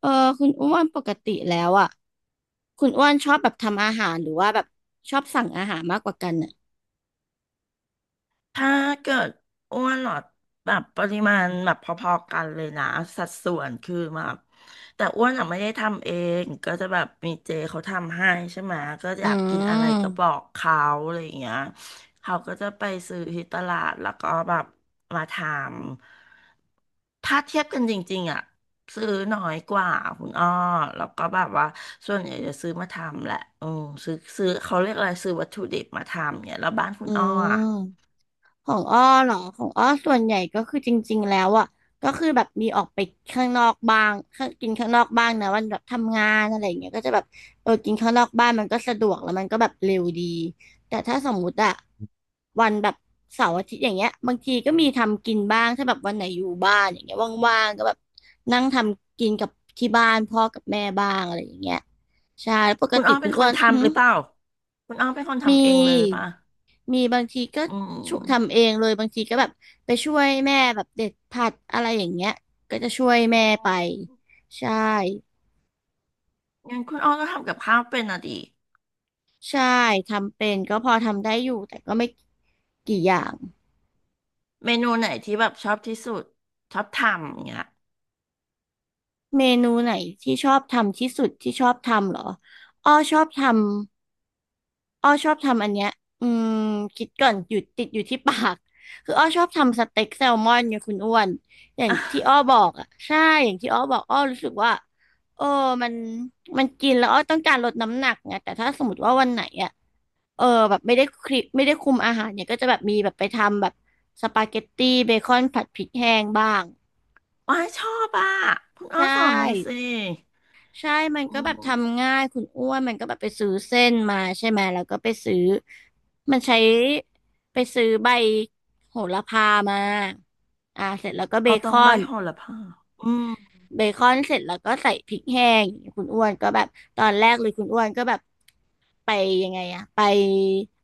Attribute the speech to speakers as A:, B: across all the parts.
A: เออคุณอ้วนปกติแล้วอ่ะคุณอ้วนชอบแบบทำอาหารหรือว่าแบบชอบสั่งอาหารมากกว่ากันอ่ะ
B: ถ้าเกิดอ้วนเหรอแบบปริมาณแบบพอๆกันเลยนะสัดส่วนคือแบบแต่อ้วนอะไม่ได้ทำเองก็จะแบบมีเจเขาทำให้ใช่ไหมก็อ
A: อื
B: ยากกินอะไรก็บอ
A: ม
B: กเขาอะไรอย่างเงี้ยเขาก็จะไปซื้อที่ตลาดแล้วก็แบบมาทำถ้าเทียบกันจริงๆอ่ะซื้อน้อยกว่าคุณอ้อแล้วก็แบบว่าส่วนใหญ่จะซื้อมาทำแหละอืมซื้อเขาเรียกอะไรซื้อวัตถุดิบมาทำเนี่ยแล้วบ้านคุ
A: อื
B: ณอ้อ
A: ม
B: อะ
A: ของอ้อเนาะของอ้อส่วนใหญ่ก็คือจริงๆแล้วอ่ะก็คือแบบมีออกไปข้างนอกบ้างข้างกินข้างนอกบ้างนะวันแบบทำงานอะไรอย่างเงี้ยก็จะแบบเออกินข้างนอกบ้านมันก็สะดวกแล้วมันก็แบบเร็วดีแต่ถ้าสมมุติอะวันแบบเสาร์อาทิตย์อย่างเงี้ยบางทีก็มีทำกินบ้างถ้าแบบวันไหนอยู่บ้านอย่างเงี้ยว่างๆก็แบบนั่งทำกินกับที่บ้านพ่อกับแม่บ้างอะไรอย่างเงี้ยใช่แล้วปก
B: คุณ
A: ติ
B: อ้อ
A: คุ
B: เป็
A: ณ
B: นค
A: อ้ว
B: น
A: นหึ
B: ทำหรือเปล่าคุณอ้อเป็นคน
A: มี
B: ทำเองเลยหรือเปล่า
A: มีบางทีก็
B: อืม
A: ช่วยทำเองเลยบางทีก็แบบไปช่วยแม่แบบเด็ดผักอะไรอย่างเงี้ยก็จะช่วย
B: อื
A: แม่ไป
B: ม
A: ใช่
B: งั้นคุณอ้อก็ทำกับข้าวเป็นอ่ะดิ
A: ใช่ทำเป็นก็พอทำได้อยู่แต่ก็ไม่กี่อย่าง
B: เมนูไหนที่แบบชอบที่สุดชอบทำอย่างเงี้ย
A: เมนูไหนที่ชอบทำที่สุดที่ชอบทำเหรออ้อชอบทำ อ้อชอบทำอันเนี้ย อืมคิดก่อนหยุดติดอยู่ที่ปากคืออ้อชอบทำสเต็กแซลมอนเนี่ยคุณอ้วนอย่างที่อ้อ บอกอ่ะใช่อย่างที่อ้อบอกอ้อรู้สึกว่าเออมันมันกินแล้วอ้อต้องการลดน้ำหนักไงแต่ถ้าสมมติว่าวันไหนอ่ะเออแบบไม่ได้คุมอาหารเนี่ยก็จะแบบมีแบบไปทำแบบสปาเกตตี้เบคอนผัดพริกแห้งบ้าง
B: อ้อยชอบอ่ะคุณอ้อ
A: ใช่
B: สอนหน่อยสิ
A: ใช่มัน
B: อื
A: ก็แบบทำ
B: ม
A: ง่ายคุณอ้วนมันก็แบบไปซื้อเส้นมาใช่ไหมแล้วก็ไปซื้อมันใช้ไปซื้อใบโหระพามาอ่าเสร็จแล้วก็เบ
B: เอา
A: ค
B: ต้อง
A: อ
B: ใบ
A: น
B: โหระพาอืม
A: เบคอนเสร็จแล้วก็ใส่พริกแห้งอย่างเงี้ยคุณอ้วนก็แบบตอนแรกเลยคุณอ้วนก็แบบไปยังไงอะไป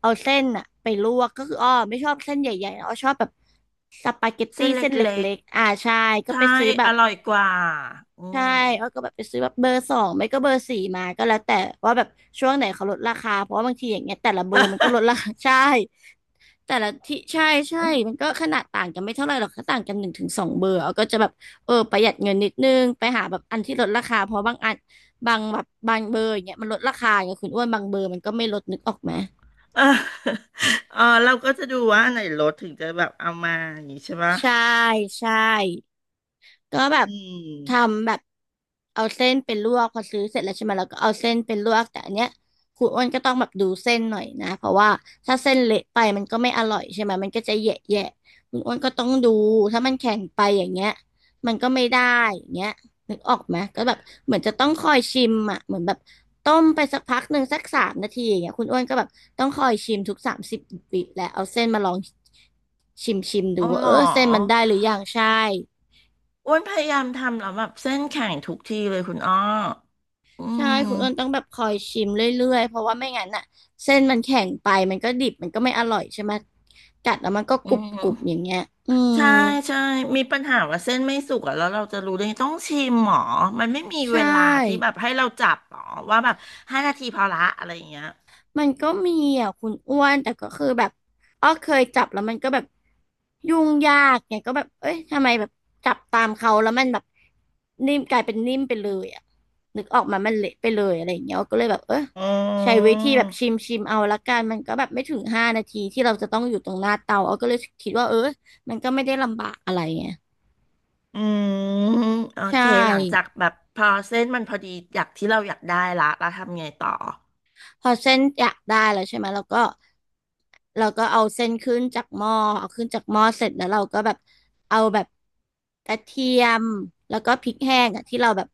A: เอาเส้นอะไปลวกก็คืออ้อไม่ชอบเส้นใหญ่ๆอ้อชอบแบบสปาเกต
B: เส้
A: ตี้
B: นเล
A: เส้นเล
B: ็ก
A: ็กๆอ่าใช่
B: ๆ
A: ก็
B: ใช่
A: ไปซื้อแบ
B: อ
A: บ
B: ร่อยกว่าอื
A: ใช่
B: ม
A: อ้อก็แบบไปซื้อแบบเบอร์ 2ไม่ก็เบอร์ 4มาก็แล้วแต่ว่าแบบช่วงไหนเขาลดราคาเพราะว่าบางทีอย่างเงี้ยแต่ละเบอร์มันก็ลดราคา ใช่แต่ละที่ใช่ใช่มันก็ ขนาดต่างกันไม่เท่าไหร่หรอกก็ต่างกัน1 ถึง 2 เบอร์อ้อก็จะแบบเออประหยัดเงินนิดนึงไปหาแบบอันที่ลดราคาเพราะบางอันบางแบบบางเบอร์อย่างเงี้ยมันลดราคาอย่างเงี้ยคุณอ้วนบางเบอร์มันก็ไม่ลดนึกออกไหม
B: เออเออเราก็จะดูว่าอันไหนลดถึงจะแบบเอามาอย่างนี้ใช่ปะ
A: ใช่ใช่ ก็แบบ
B: อื
A: ท
B: ม
A: ำแบบเอาเส้นเป็นลวกพอซื้อเสร็จแล้วใช่ไหมแล้วก็เอาเส้นเป็นลวกแต่อันเนี้ยคุณอ้วนก็ต้องแบบดูเส้นหน่อยนะเพราะว่าถ้าเส้นเละไปมันก็ไม่อร่อยใช่ไหมมันก็จะแยะแยะคุณอ้วนก็ต้องดูถ้ามันแข็งไปอย่างเงี้ยมันก็ไม่ได้อย่างเงี้ยนึกออกไหมก็แบบเหมือนจะต้องคอยชิมอ่ะเหมือนแบบต้มไปสักพักหนึ่งสัก3 นาทีอย่างเงี้ยคุณอ้วนก็แบบต้องคอยชิมทุก30 วิแล้วเอาเส้นมาลองชิมชิมดู
B: อ๋อ
A: ว่า
B: เหร
A: เอ
B: อ
A: อเส้นมันได้หรือยังใช่
B: อ้วนพยายามทำแล้วแบบเส้นแข็งทุกทีเลยคุณอ้ออื
A: ใช่คุณอ้นต้อ
B: ม
A: งแบบคอยชิมเรื่อยๆ เพราะว่าไม่งั้นน่ะเส้นมันแข็งไปมันก็ดิบมันก็ไม่อร่อยใช่ไหมกัดแล้วมันก็
B: อื
A: กรุบๆอย่า
B: ม
A: งเงี้ยอืม
B: ใช่ใช่มีปัญหาว่าเส้นไม่สุกอะแล้วเราจะรู้ได้ไงต้องชิมหมอมันไม่มี
A: ใช
B: เวลาที่
A: ่
B: แบบให้เราจับหรอว่าแบบ5 นาทีพอละอะไรอย่างเงี้ย
A: มันก็มีอ่ะคุณอ้วนแต่ก็คือแบบอ้อเคยจับแล้วมันก็แบบยุ่งยากไงก็แบบเอ้ยทำไมแบบจับตามเขาแล้วมันแบบนิ่มกลายเป็นนิ่มไปเลยอ่ะนึกออกมามันเละไปเลยอะไรอย่างเงี้ยก็เลยแบบเออ
B: อื
A: ใช้วิธีแบบชิม
B: ม
A: ชิมเอาละกันมันก็แบบไม่ถึง5 นาทีที่เราจะต้องอยู่ตรงหน้าเตาอ้อก็เลยคิดว่าเออมันก็ไม่ได้ลำบากอะไรไง
B: อืมโอ
A: ใช่
B: เคหลังจากแบบพอเส้นมันพอดีอยากที่เราอยากได้ละเราทำไงต่อ
A: พอเส้นอยากได้แล้วใช่ไหมเราก็เราก็เอาเส้นขึ้นจากหม้อเอาขึ้นจากหม้อเสร็จแล้วเราก็แบบเอาแบบกระเทียมแล้วก็พริกแห้งอะที่เราแบบ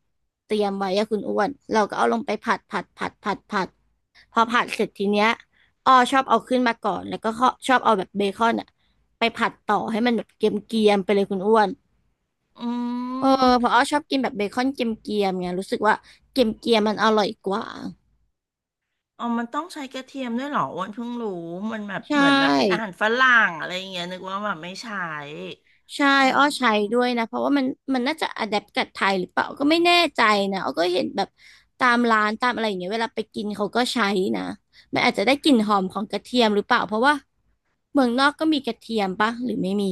A: เตรียมไว้อะคุณอ้วนเราก็เอาลงไปผัดผัดผัดผัดผัดพอผัดเสร็จทีเนี้ยอ้อชอบเอาขึ้นมาก่อนแล้วก็ข้อชอบเอาแบบเบคอนอะไปผัดต่อให้มันแบบเกรียมๆไปเลยคุณอ้วน
B: อื
A: เออเพราะ
B: ม
A: อ้อชอบกินแบบเบคอนเกรียมๆไงรู้สึกว่าเกรียมๆมันอร่อยกว่า
B: อ๋อมันต้องใช้กระเทียมด้วยเหรออ้วันเพิ่งรู้ มันแบบ
A: ใช
B: เหมือนแบบเป็นอา
A: ่
B: หารฝรั่งอะไรอย่างเงี้ยนึกว่าแบบไม่ใช้
A: ใช่
B: อื
A: อ้อใช้
B: ม
A: ด้วยนะ เพราะว่ามันน่าจะอะแดปกับไทยหรือเปล่าก็ไม่แน่ใจนะอ้อก็เห็นแบบตามร้านตามอะไรอย่างเงี้ยเวลาไปกินเขาก็ใช้นะมันอาจจะได้กลิ่นหอมของกระเทียมหรือเปล่าเพราะว่าเมืองนอกก็มีกระเทียมปะหรือไม่มี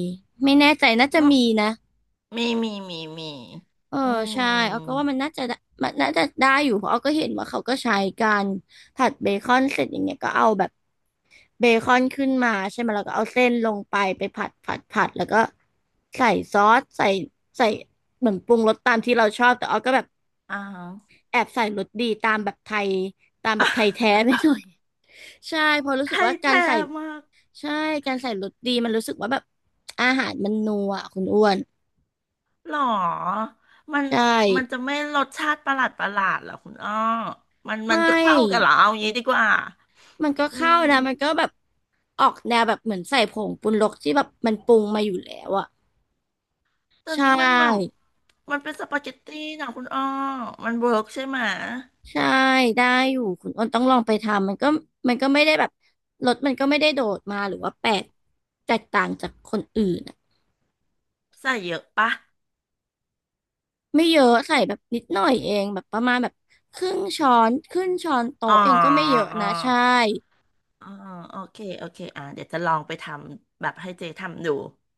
A: ไม่แน่ใจน่าจะ
B: ก็
A: มีนะ
B: มี
A: เออ
B: อื
A: ใช่เอ้ก็
B: ม
A: ว่ามันน่าจะได้มันน่าจะได้อยู่เพราะเอ้ก็เห็นว่าเขาก็ใช้กันผัดเบคอนเสร็จอย่างเงี้ยก็เอาแบบ เบคอนขึ้นมาใช่ไหมแล้วก็เอาเส้นลงไปผัดผัดผัดแล้วก็ใส่ซอสใส่เหมือนปรุงรสตามที่เราชอบแต่ออก็แบบ
B: อ่าฮะ
A: แอบใส่รสดีตามแบบไทยตามแบบไทยแท้ไปหน่อย ใช่เพอรู้
B: ไท
A: สึก
B: ย
A: ว่าการ
B: แท้
A: ใส่
B: มาก
A: ใช่การใส่รสดีมันรู้สึกว่าแบบอาหารมันนัวอะคุณอ้วน
B: เหรอมัน
A: ใช่
B: มันจะไม่รสชาติประหลาดประหลาดเหรอคุณอ้อ มัน
A: ไม
B: มันจะเข้ากันเหร
A: ่
B: อเอางี้ดีกว่า
A: มันก็
B: อื
A: เข้านะมันก็
B: ม
A: แบบออกแนวแบบเหมือนใส่ผงปรุงรสที่แบบมันปรุงมาอยู่แล้วอะ
B: ตอน
A: ใช่
B: นี้มันแบบมันเป็นสปาเกตตี้นะคุณอ้อมันเวิร์กใช่ไหม
A: ใช่ได้อยู่คุณอ้นต้องลองไปทำมันก็ไม่ได้แบบรถมันก็ไม่ได้โดดมาหรือว่าแปลกแตกต่างจากคนอื่นอะ
B: ใส่เยอะปะ
A: ไม่เยอะใส่แบบนิดหน่อยเองแบบประมาณแบบครึ่งช้อนครึ่งช้อน
B: อ๋อ
A: โต๊ะเองก็ไม่เยอะนะใช่
B: อ๋อโอเคโอเคอ่าเดี๋ยวจะลองไปทำแบบให้เจทำดู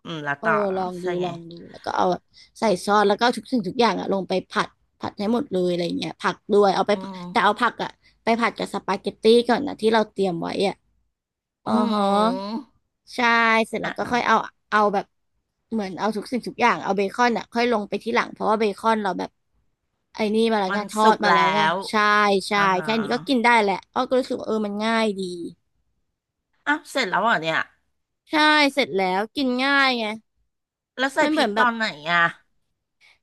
B: อืมแล้ว
A: เออ
B: ต่อเหรอ
A: ลองดู
B: ใช่ไง
A: ลองดูแล้วก็เอาแบบใส่ซอสแล้วก็เอาทุกสิ่งทุกอย่างอะลงไปผัดผัดให้หมดเลยอะไรเงี้ยผักด้วยเอาไป
B: อื
A: ผัด
B: ม
A: แต่เอาผักอะไปผัดกับสปาเกตตี้ก่อนนะที่เราเตรียมไว้อะ อ๋
B: อื
A: อฮะ
B: ม
A: ใช่เสร็จแล้
B: อ่ะ
A: วก็
B: อ่ะ
A: ค่อยเอาเอาแบบเหมือนเอาทุกสิ่งทุกอย่างเอาเบคอนอ่ะค่อยลงไปที่หลังเพราะว่าเบคอนเราแบบไอ้นี่มาแล้ว
B: มั
A: ไง
B: น
A: ทอ
B: สุ
A: ด
B: ก
A: มา
B: แล้
A: แล้วไง
B: ว
A: ใช่ใช่
B: อ่าฮะ
A: แค่นี้ก็กินได้แหละอ้อก็รู้สึกว่าเออมันง่ายดี
B: อ้าวเสร็จแล้วเหรอเนี่ย
A: ใช่เสร็จแล้วกินง่ายไง
B: แล้วใส่
A: มัน
B: พ
A: เหมื
B: ริ
A: อ
B: ก
A: นแบ
B: ตอ
A: บ
B: นไหนอ่ะ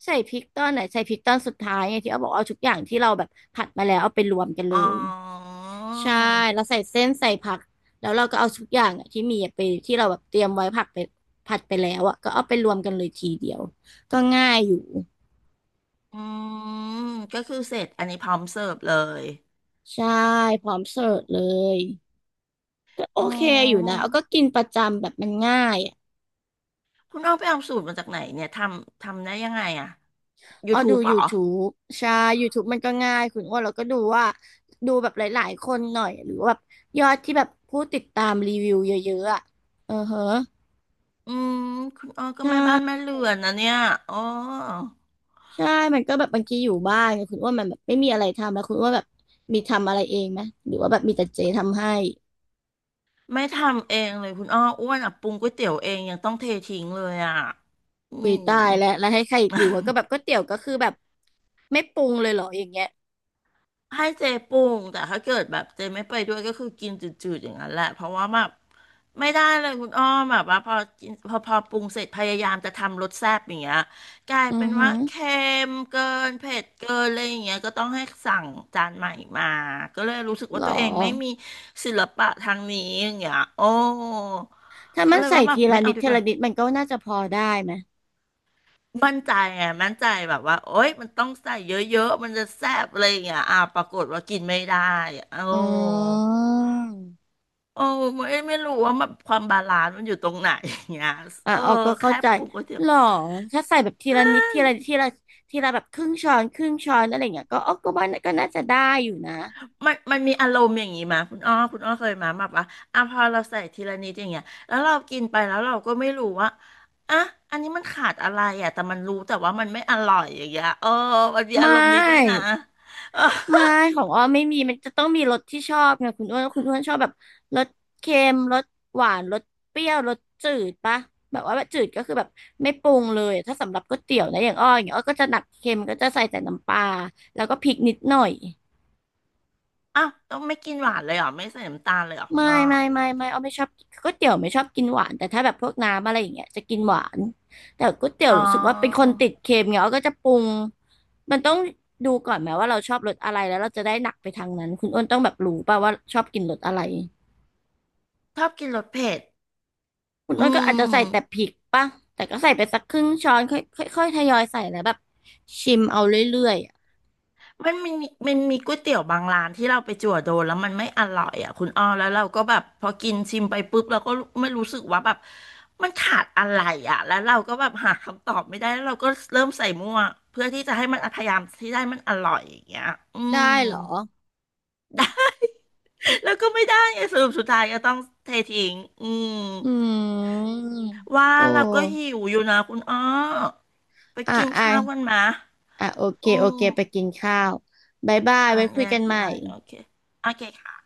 A: ใส่พริกตอนไหนใส่พริกตอนสุดท้ายไงที่เอาบอกเอาทุกอย่างที่เราแบบผัดมาแล้วเอาไปรวมกัน
B: อ๋
A: เล
B: อ
A: ย ใช่เราใส่เส้นใส่ผักแล้วเราก็เอาทุกอย่างอะที่มีอะไปที่เราแบบเตรียมไว้ผักไปผัดไปแล้วอ่ะก็เอาไปรวมกันเลยทีเดียวก็ง่ายอยู่
B: อืมก็คือเสร็จอันนี้พร้อมเสิร์ฟเลย
A: ใช่พร้อมเสิร์ฟเลยก็โอ
B: อ๋อ
A: เคอยู่นะเอาก็กินประจำแบบมันง่ายอะ
B: คุณอ้อไปเอาสูตรมาจากไหนเนี่ยทำได้ยังไงอ่ะ
A: เอาดู
B: YouTube เหรอ
A: YouTube ใช่ YouTube มันก็ง่ายคุณอ้วนเราก็ดูว่าดูแบบหลายๆคนหน่อยหรือว่าแบบยอดที่แบบผู้ติดตามรีวิวเยอะๆอ่ะเออเฮะ
B: อืมคุณอ้อก็
A: ใช
B: แม่บ้านแม่
A: ่
B: เรือนนะเนี่ยอ๋อ
A: ใช่ มันก็แบบบางทีอยู่บ้านไงคุณอ้วนมันแบบไม่มีอะไรทำแล้วคุณอ้วนแบบมีทำอะไรเองไหมหรือว่าแบบมีแต่เจทำให้
B: ไม่ทำเองเลยคุณอ้ออ้วนอ่ะปรุงก๋วยเตี๋ยวเองยังต้องเททิ้งเลยอ่ะอื
A: อุ้ย
B: ม
A: ตายแล้วแล้วให้ใครหรือว่าก็แบบก๋วยเตี๋ยวก็คือแบบไม่ปรุงเลยเหรออย่างเงี้ย
B: ให้เจปรุงแต่ถ้าเกิดแบบเจไม่ไปด้วยก็คือกินจืดๆอย่างนั้นแหละเพราะว่าแบบไม่ได้เลยคุณอ้อมแบบว่าพอกินพอพอปรุงเสร็จพยายามจะทำรสแซ่บอย่างเงี้ยกลาย
A: อื
B: เป็
A: อ
B: น
A: หื
B: ว่า
A: อ
B: เค็มเกินเผ็ดเกินอะไรอย่างเงี้ยก็ต้องให้สั่งจานใหม่มาก็เลยรู้สึก
A: หร
B: ว่า
A: อ
B: ตัวเองไม่มีศิลปะทางนี้อย่างเงี้ยโอ้
A: ถ้า
B: ก็
A: มัน
B: เลย
A: ใส่
B: ว่าแบ
A: ที
B: บ
A: ละ
B: ไม่
A: นิ
B: เอา
A: ด
B: ดี
A: ที
B: กว่า
A: ละนิดมันก็น่าจะพอได้ไหม
B: มั่นใจไงมั่นใจแบบว่าโอ๊ยมันต้องใส่เยอะๆมันจะแซ่บอะไรอย่างเงี้ยอ่าปรากฏว่ากินไม่ได้อะโอ้
A: อืม
B: โอ้ไม่รู้ว่ามันความบาลานซ์มันอยู่ตรงไหนอย่างเงี้ย
A: อ่ะ
B: เออ
A: ออกก็เข้า
B: แค่
A: ใจ
B: ปรุงก๋วยเตี๋ยว
A: หรอถ้าใส่แบบทีละนิดทีละนิดทีละแบบครึ่งช้อนครึ่งช้อนอะไรอย่างเงี้ยก็ออกก็ว่าก็น่าจะได้อยู่นะ
B: มันมีอารมณ์อย่างงี้มาคุณอ้อคุณอ้อเคยมาแบบว่าอ่ะพอเราใส่ทีละนิดอย่างเงี้ยแล้วเรากินไปแล้วเราก็ไม่รู้ว่าอ่ะอันนี้มันขาดอะไรอ่ะแต่มันรู้แต่ว่ามันไม่อร่อยอย่างเงี้ยเออมันมีอา
A: ไม่
B: รมณ์นี้ด้วยนะเออ
A: ไม่ของอ้อไม่มีมันจะต้องมีรสที่ชอบไงคุณอ้วนคุณอ้วนชอบแบบรสเค็มรสหวานรสเปรี้ยวรสจืดปะแบบว่าแบบจืดก็คือแบบไม่ปรุงเลยถ้าสำหรับก๋วยเตี๋ยวนะอย่างอ้ออย่างเงี้ยอ้อก็จะหนักเค็มก็จะใส่แต่น้ำปลาแล้วก็พริกนิดหน่อย
B: อ้าวต้องไม่กินหวานเลยเหรอไม่ใส่น้ำตาลเลยเหรอคุณ
A: ไม่
B: อ้อ
A: ไม่ไม่ไม่เอาไม่ชอบก๋วยเตี๋ยวไม่ชอบกินหวานแต่ถ้าแบบพวกน้ำอะไรอย่างเงี้ยจะกินหวานแต่ก๋วยเตี๋ยว
B: อ๋อ
A: รู้สึกว่าเป็นคนติดเค็มเงี้ยเอาก็จะปรุงมันต้องดูก่อนไหมว่าเราชอบรสอะไรแล้วเราจะได้หนักไปทางนั้นคุณอ้นต้องแบบรู้ป่ะว่าชอบกินรสอะไร
B: ชอบกินรสเผ็ด
A: คุณ
B: อื
A: อ้นก็อาจจะใส่แต่พ
B: ม
A: ริกป่ะแต่ก็ใส่ไปสักครึ่งช้อนค่อยค่อยค่อยทยอยใส่แล้วแบบชิมเอาเรื่อยๆอะ
B: มันมีมันมีก๋วยเตี๋ยวบางร้านที่เราไปจั่วโดนแล้วมันไม่อร่อยอ่ะคุณอ้อแล้วเราก็แบบพอกินชิมไปปุ๊บเราก็ไม่รู้สึกว่าแบบมันขาดอะไรอ่ะแล้วเราก็แบบหาคำตอบไม่ได้แล้วเราก็เริ่มใส่มั่วเพื่อที่จะให้มันพยายามที่ได้มันอร่อยอย่างเงี้ยอืม
A: ได้เหรอ
B: ได้แล้วก็ไม่ได้ไงสรุปสุดท้ายก็ต้องเททิ้งอืม
A: อืม
B: ว่า
A: โอ้
B: เราก็หิวอยู่นะคุณอ้อไป
A: อ่ะ
B: กิน
A: อ่ะ
B: ข้าวกันมา
A: อ่ะโอเค
B: โอ้
A: โอเคไปกินข้าวบ๊ายบาย
B: อ่า
A: ไว้คุ
B: แย
A: ยกั
B: ก
A: นใหม่
B: ย้ายโอเคโอเคค่ะ